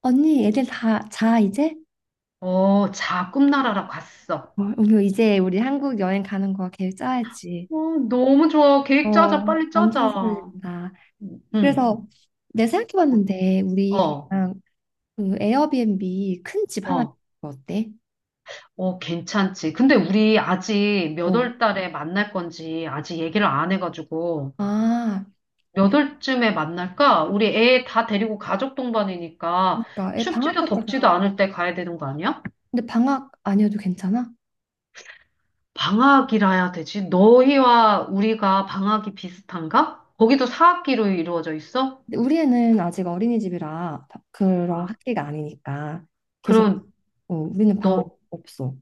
언니, 애들 다 자, 이제? 어, 자, 꿈나라라 갔어. 어, 우리 이제 우리 한국 여행 가는 거 계획 짜야지. 어, 너무 좋아. 계획 짜자, 어, 빨리 완전 짜자. 설렌다. 응, 응. 그래서 내가 생각해봤는데, 우리 어, 그냥 그 에어비앤비 큰 집 하나 어, 빌리는 거 어때? 어, 괜찮지. 근데 우리 아직 몇 어. 월 달에 만날 건지 아직 얘기를 안 해가지고 아, 몇 월쯤에 만날까? 우리 애 다 데리고 가족 동반이니까 그러니까 애 춥지도 방학할 덥지도 때가, 않을 때 가야 되는 거 아니야? 근데 방학 아니어도 괜찮아? 방학이라야 되지. 너희와 우리가 방학이 비슷한가? 거기도 사학기로 이루어져 있어? 근데 우리 애는 아직 어린이집이라 그런 아, 학기가 아니니까 계속 그럼 어, 우리는 방학 너, 없어.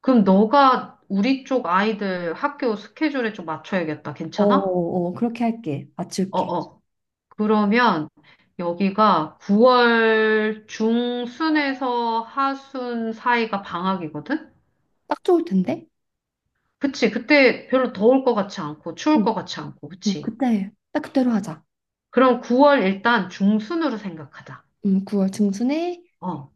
그럼 너가 우리 쪽 아이들 학교 스케줄에 좀 맞춰야겠다. 어, 괜찮아? 어, 어, 그렇게 할게. 맞출게. 어어. 그러면 여기가 9월 중순에서 하순 사이가 방학이거든? 딱 좋을 텐데? 그치. 그때 별로 더울 것 같지 않고, 추울 것 같지 않고, 어, 그치. 그때 딱 그때로 하자. 그럼 9월 일단 중순으로 생각하자. 9월 중순에 어.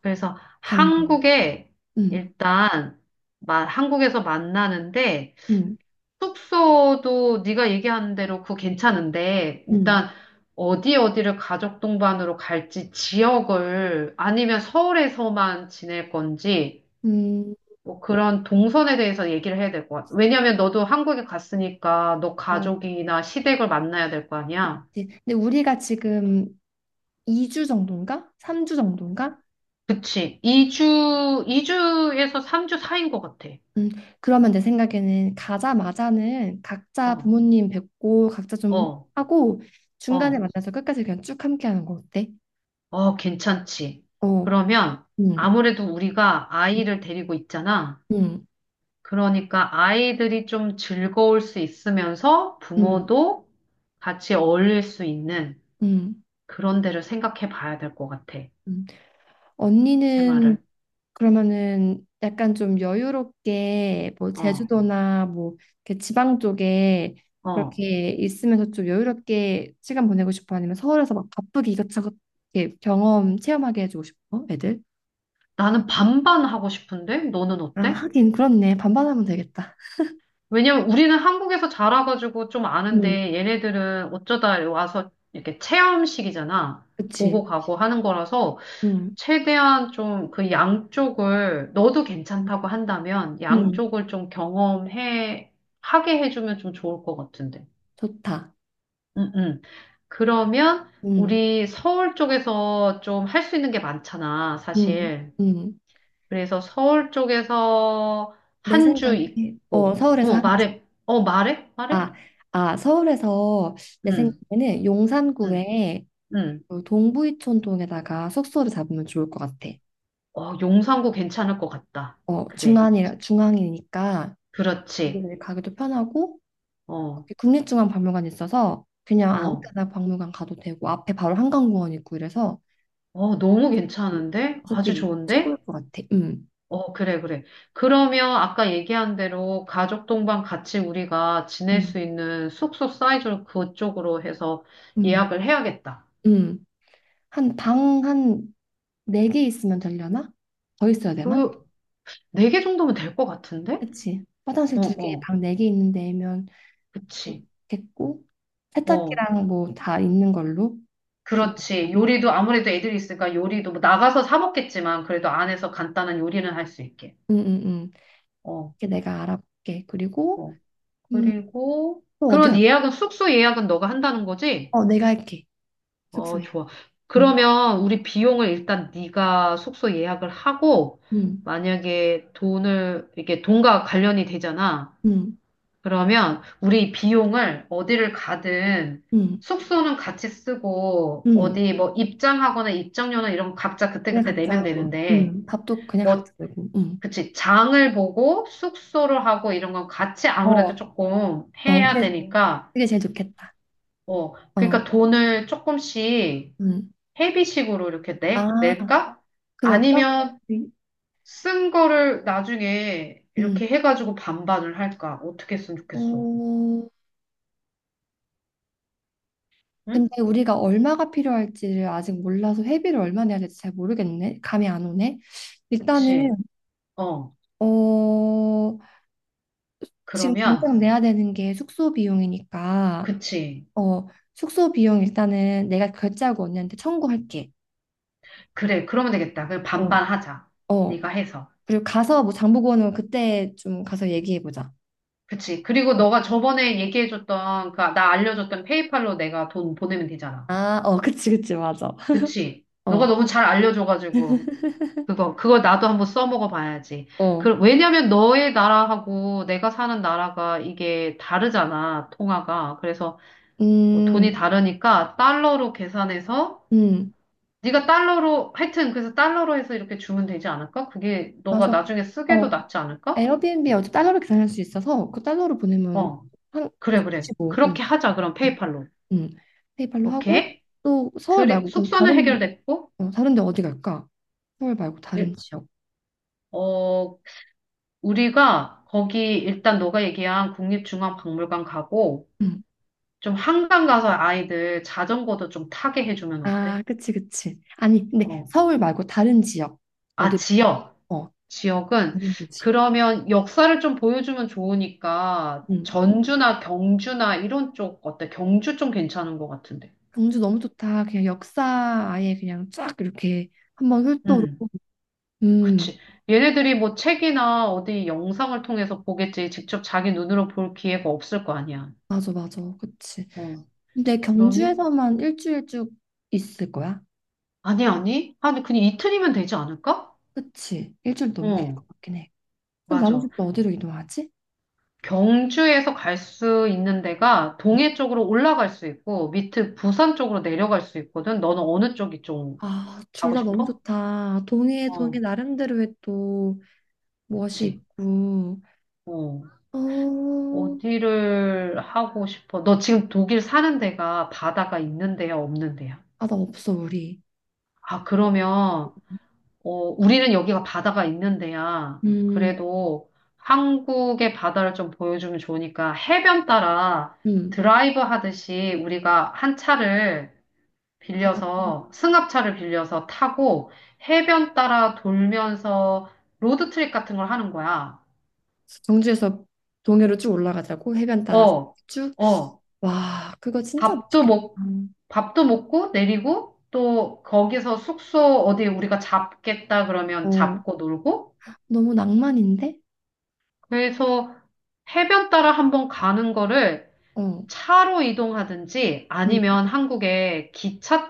그래서 가는 걸로. 한국에 음, 일단, 한국에서 만나는데, 음, 숙소도 네가 얘기하는 대로 그거 괜찮은데 음, 일단 어디 어디를 가족 동반으로 갈지 지역을 아니면 서울에서만 지낼 건지 음. 뭐 그런 동선에 대해서 얘기를 해야 될 것 같아. 왜냐면 너도 한국에 갔으니까 너 어, 가족이나 시댁을 만나야 될 거 아니야. 이제 근데 우리가 지금 2주 정도인가? 3주 정도인가? 그치. 2주, 2주에서 3주 사이인 것 같아. 음, 그러면 내 생각에는 가자마자는 각자 어, 부모님 뵙고 각자 좀 어, 하고 중간에 어, 만나서 끝까지 그냥 쭉 함께 하는 거 어때? 어, 괜찮지. 어, 그러면 음, 아무래도 우리가 아이를 데리고 있잖아. 음, 그러니까 아이들이 좀 즐거울 수 있으면서 음, 부모도 같이 어울릴 수 있는 음. 그런 데를 생각해 봐야 될 것 같아. 음. 언니는 테마를. 그러면은 약간 좀 여유롭게 뭐 어, 제주도나 뭐 이렇게 지방 쪽에 어. 그렇게 있으면서 좀 여유롭게 시간 보내고 싶어? 아니면 서울에서 막 바쁘게 이것저것 이렇게 경험 체험하게 해주고 싶어? 애들? 나는 반반 하고 싶은데? 너는 아, 어때? 하긴 그렇네. 반반하면 되겠다. 왜냐면 우리는 한국에서 자라가지고 좀 음, 아는데 얘네들은 어쩌다 와서 이렇게 체험식이잖아. 그치. 보고 가고 하는 거라서 음, 최대한 좀 그 양쪽을 너도 괜찮다고 한다면 음, 양쪽을 좀 경험해 하게 해주면 좀 좋을 것 같은데. 좋다. 음, 음. 그러면 음, 우리 서울 쪽에서 좀 할 수 있는 게 많잖아, 음, 사실. 음. 그래서 서울 쪽에서 내 한 주 생각에 어 있고, 서울에서 어, 하는지. 말해, 어, 말해, 말해. 아, 아 서울에서 내 응. 생각에는 응, 용산구에 응. 그 동부이촌동에다가 숙소를 잡으면 좋을 것 같아. 어, 용산구 괜찮을 것 같다. 어, 그래. 중앙이니까 그렇지. 여기를 가기도 편하고 어, 국립중앙박물관 있어서 그냥 아무 어, 데나 박물관 가도 되고 앞에 바로 한강공원 있고 이래서 어, 너무 괜찮은데? 아주 가족끼리 최고일 좋은데? 것 같아. 어, 그래, 그래. 그러면 아까 얘기한 대로 가족 동반 같이 우리가 지낼 음, 수 있는 숙소 사이즈로 그쪽으로 해서 음, 예약을 해야겠다. 음. 한 방 한 네 개 있으면 되려나? 더 있어야 되나? 그, 네 개 정도면 될 것 같은데? 그치. 화장실 어, 두 개, 어, 방 네 개 있는 데면 그치. 좋겠고 어, 세탁기랑 뭐 다 있는 걸로. 그렇지. 요리도 아무래도 애들이 있으니까 요리도 뭐 나가서 사 먹겠지만 그래도 안에서 간단한 요리는 할 수 있게. 응응응. 어. 이게 내가 알아볼게. 그리고 어. 음, 그리고 또 어디 그런 가? 예약은 숙소 예약은 너가 한다는 거지? 어, 내가 할게. 어, 숙소에. 좋아. 응. 그러면 우리 비용을 일단 네가 숙소 예약을 하고 응. 만약에 돈을 이게 돈과 관련이 되잖아. 응. 그러면 우리 비용을 어디를 가든 응. 숙소는 같이 쓰고 응. 어디 뭐 입장하거나 입장료나 이런 거 각자 내가 그때그때 각자 내면 하고. 되는데 응. 밥도 그냥 뭐 각자 내고. 응. 그치 장을 보고 숙소를 하고 이런 건 같이 아무래도 어. 조금 어, 해야 그래. 되니까 그게 제일 좋겠다. 어, 어. 그러니까 돈을 조금씩 응. 회비식으로 이렇게 아, 낼까? 그럴까? 아니면 응. 쓴 거를 나중에 응. 이렇게 해가지고 반반을 할까? 어떻게 했으면 좋겠어. 어. 응? 근데 우리가 얼마가 필요할지를 아직 몰라서 회비를 얼마 내야 될지 잘 모르겠네. 감이 안 오네. 일단은 그치. 어, 어, 지금 그러면, 당장 내야 되는 게 숙소 비용이니까 그치. 어, 숙소 비용 일단은 내가 결제하고 언니한테 청구할게. 그래, 그러면 되겠다. 그냥 어, 반반 하자. 어. 네가 해서. 그리고 가서 뭐 장보고 오는 거 그때 좀 가서 얘기해 보자. 그치. 그리고 너가 저번에 얘기해줬던, 그, 나 알려줬던 페이팔로 내가 돈 보내면 되잖아. 아, 어, 그치, 그치, 맞아. 그치. 너가 어, 너무 잘 알려줘가지고. 그거 나도 한번 써먹어 봐야지. 어, 그, 왜냐면 너의 나라하고 내가 사는 나라가 이게 다르잖아, 통화가. 그래서 뭐 돈이 음, 다르니까 달러로 계산해서, 음, 네가 달러로, 하여튼 그래서 달러로 해서 이렇게 주면 되지 않을까? 그게 너가 맞아. 나중에 어, 쓰게도 낫지 않을까? 에어비앤비 어차피 달러로 계산할 수 있어서 그 달러로 보내면 어, 한 그래, 그래. 좋지 뭐. 응, 그렇게 하자, 그럼 어, 페이팔로. 응. 페이팔로 하고 오케이? 또 서울 말고 그럼 숙소는 다른 데, 해결됐고, 어, 다른 데 어디 갈까? 서울 말고 다른 일- 지역. 어, 우리가 거기 일단 너가 얘기한 국립중앙박물관 가고, 응. 좀 한강 가서 아이들 자전거도 좀 타게 해주면 아, 어때? 그치, 그치. 아니, 근데 어. 서울 말고 다른 지역. 아, 어디, 지역. 어, 지역은 다른 도시. 그러면 역사를 좀 보여주면 좋으니까 음. 전주나 경주나 이런 쪽 어때? 경주 좀 괜찮은 것 같은데. 경주 너무 좋다. 그냥 역사 아예 그냥 쫙 이렇게 한번 훑도록. 음, 음, 그치. 얘네들이 뭐 책이나 어디 영상을 통해서 보겠지. 직접 자기 눈으로 볼 기회가 없을 거 아니야. 맞아, 맞아. 그치. 어, 근데 그러면? 경주에서만 일주일 쭉 있을 거야? 아니, 아니. 아니, 그냥 이틀이면 되지 않을까? 그치. 일주일 너무 길 어, 것 같긴 해. 그럼 나머지 맞아. 또 어디로 이동하지? 경주에서 갈 수 있는 데가 동해 쪽으로 올라갈 수 있고 밑에 부산 쪽으로 내려갈 수 있거든. 너는 어느 쪽이 좀 아, 둘 가고 다 너무 싶어? 좋다. 동해, 동해 어, 나름대로의 또 무엇이 그치. 있고. 어, 어, 어디를 하고 싶어? 너 지금 독일 사는 데가 바다가 있는 데야, 없는 데야? 아, 나 없어, 우리. 아, 그러면 어, 우리는 여기가 바다가 있는 데야. 음. 그래도 한국의 바다를 좀 보여주면 좋으니까 해변 따라 음. 드라이브 하듯이 우리가 한 차를 빌려서 승합차를 빌려서 타고 해변 따라 돌면서 로드트립 같은 걸 하는 거야. 경주에서 동해로 쭉 올라가자고 해변 따라서 어, 쭉. 어, 와, 그거 진짜 밥도 멋있겠다. 먹, 밥도 먹고 내리고 또 거기서 숙소 어디 우리가 잡겠다 그러면 어, 잡고 놀고 너무 낭만인데? 그래서 해변 따라 한번 가는 거를 어, 차로 이동하든지 응, 아니면 한국에 기차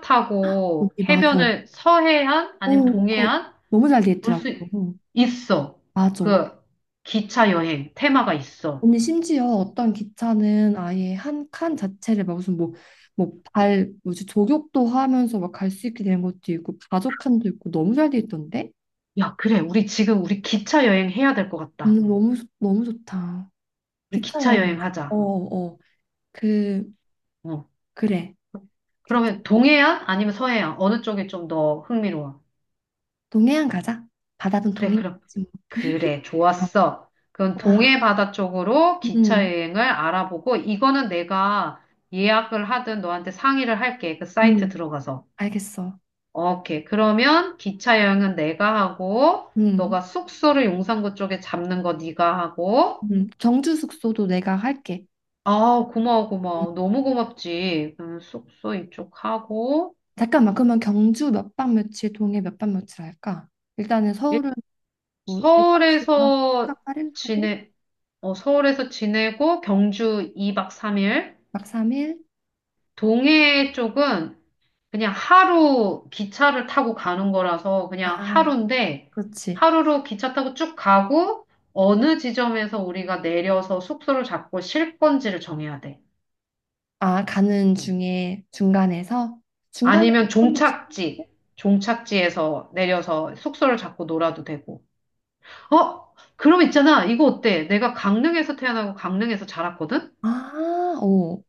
언니 타고 맞아. 어, 해변을 서해안 아니면 그거 동해안 너무 잘 돼 볼 있더라고. 수 어, 있어. 맞아. 그 기차 여행 테마가 있어. 언니 심지어 어떤 기차는 아예 한칸 자체를 막 무슨 뭐 뭐 발 뭐지 조격도 하면서 막 갈 수 있게 되는 것도 있고 바둑칸도 있고 너무 잘 돼 있던데? 야, 그래. 우리 지금 우리 기차 여행 해야 될 것 같다. 너무 좋다. 우리 기차 기차 여행 여행 가자. 어, 하자. 어. 어. 그 어. 그래. 기차. 그러면 동해안 아니면 서해안 어느 쪽이 좀 더 흥미로워? 동해안 가자. 바다든 그래, 그럼 동해안이지 뭐. 그래. 아, 좋았어. 그럼 와. 동해 바다 쪽으로 기차 음, 여행을 알아보고 이거는 내가 예약을 하든 너한테 상의를 할게. 그 사이트 음, 들어가서. 알겠어. 오케이. 그러면 기차 여행은 내가 하고, 음, 너가 숙소를 용산구 쪽에 잡는 거 네가 하고, 경주 숙소도 내가 할게. 아, 고마워, 음. 고마워. 너무 고맙지. 숙소 이쪽 하고, 잠깐만, 그러면 경주 몇 박 며칠, 동해 몇 박 며칠 할까? 일단은 일- 서울은 뭐 6박 7일 하고, 칠 서울에서 박 8일 하고, 지내, 서울에서 지내고, 경주 2박 3일. 막 3일? 동해 쪽은 그냥 하루 기차를 타고 가는 거라서 그냥 아, 하루인데 그렇지. 하루로 기차 타고 쭉 가고 어느 지점에서 우리가 내려서 숙소를 잡고 쉴 건지를 정해야 돼. 아, 가는 중에 중간에서? 중간에 아니면 어떤 걸 찍지? 종착지, 종착지에서 내려서 숙소를 잡고 놀아도 되고. 어? 그럼 있잖아. 이거 어때? 내가 강릉에서 태어나고 강릉에서 자랐거든? 아, 오,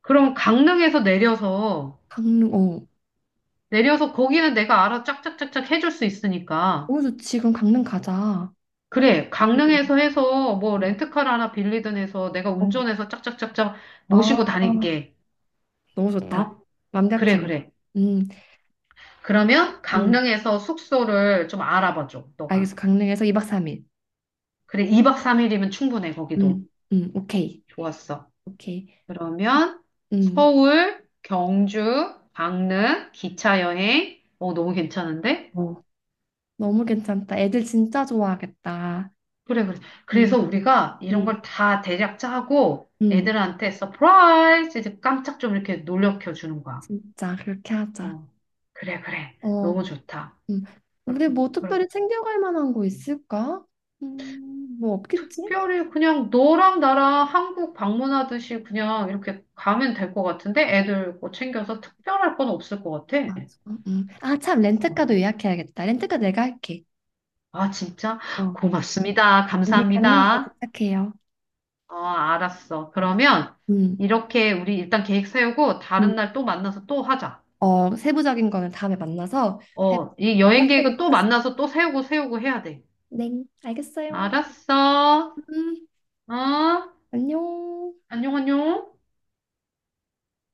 그럼 강릉에서 내려서 강릉, 오. 거기는 내가 알아 짝짝짝짝 해줄 수 있으니까. 오, 좋지. 그럼 강릉 가자. 그래, 오, 강릉에서 해서 뭐 음. 렌트카를 하나 빌리든 해서 내가 어. 운전해서 짝짝짝짝 아, 모시고 다닐게. 너무 네. 좋다. 어? 그래, 완벽해요. 그래. 음, 그러면 음, 강릉에서 숙소를 좀 알아봐 줘, 너가. 알겠어. 강릉에서 2박 3일. 그래, 2박 3일이면 충분해, 거기도. 오케이. 좋았어. 오케이. 그러면 음, 서울, 경주, 강릉, 기차 여행. 어, 너무 괜찮은데? 어, 너무 괜찮다. 애들 진짜 좋아하겠다. 그래, 그래. 음, 그래서 우리가 이런 음, 걸 다 대략 짜고 음, 애들한테 서프라이즈 깜짝 좀 이렇게 놀래켜 주는 거야. 진짜 그렇게 하자. 어, 그래, 그래. 어, 너무 좋다. 음. 그럼, 우리 뭐 특별히 그럼 챙겨갈 만한 거 있을까? 뭐 없겠지? 특별히 그냥 너랑 나랑 한국 방문하듯이 그냥 이렇게 가면 될 것 같은데? 애들 뭐 챙겨서 특별할 건 없을 것 같아. 맞아. 음. 아, 참, 어, 렌트카도 예약해야겠다. 렌트카 내가 할게. 아, 진짜? 어. 고맙습니다. 언니 강릉 잘 감사합니다. 부탁해요. 어, 알았어. 어, 그러면 음. 이렇게 우리 일단 계획 세우고 음. 다른 날 또 만나서 또 하자. 어, 세부적인 거는 다음에 만나서 어, 이 여행 해보도록 계획은 또 겠습니 만나서 다 또 세우고 세우고 해야 돼. 네, 알겠어요. 알았어. 음, 어? 안녕. 안녕, 안녕.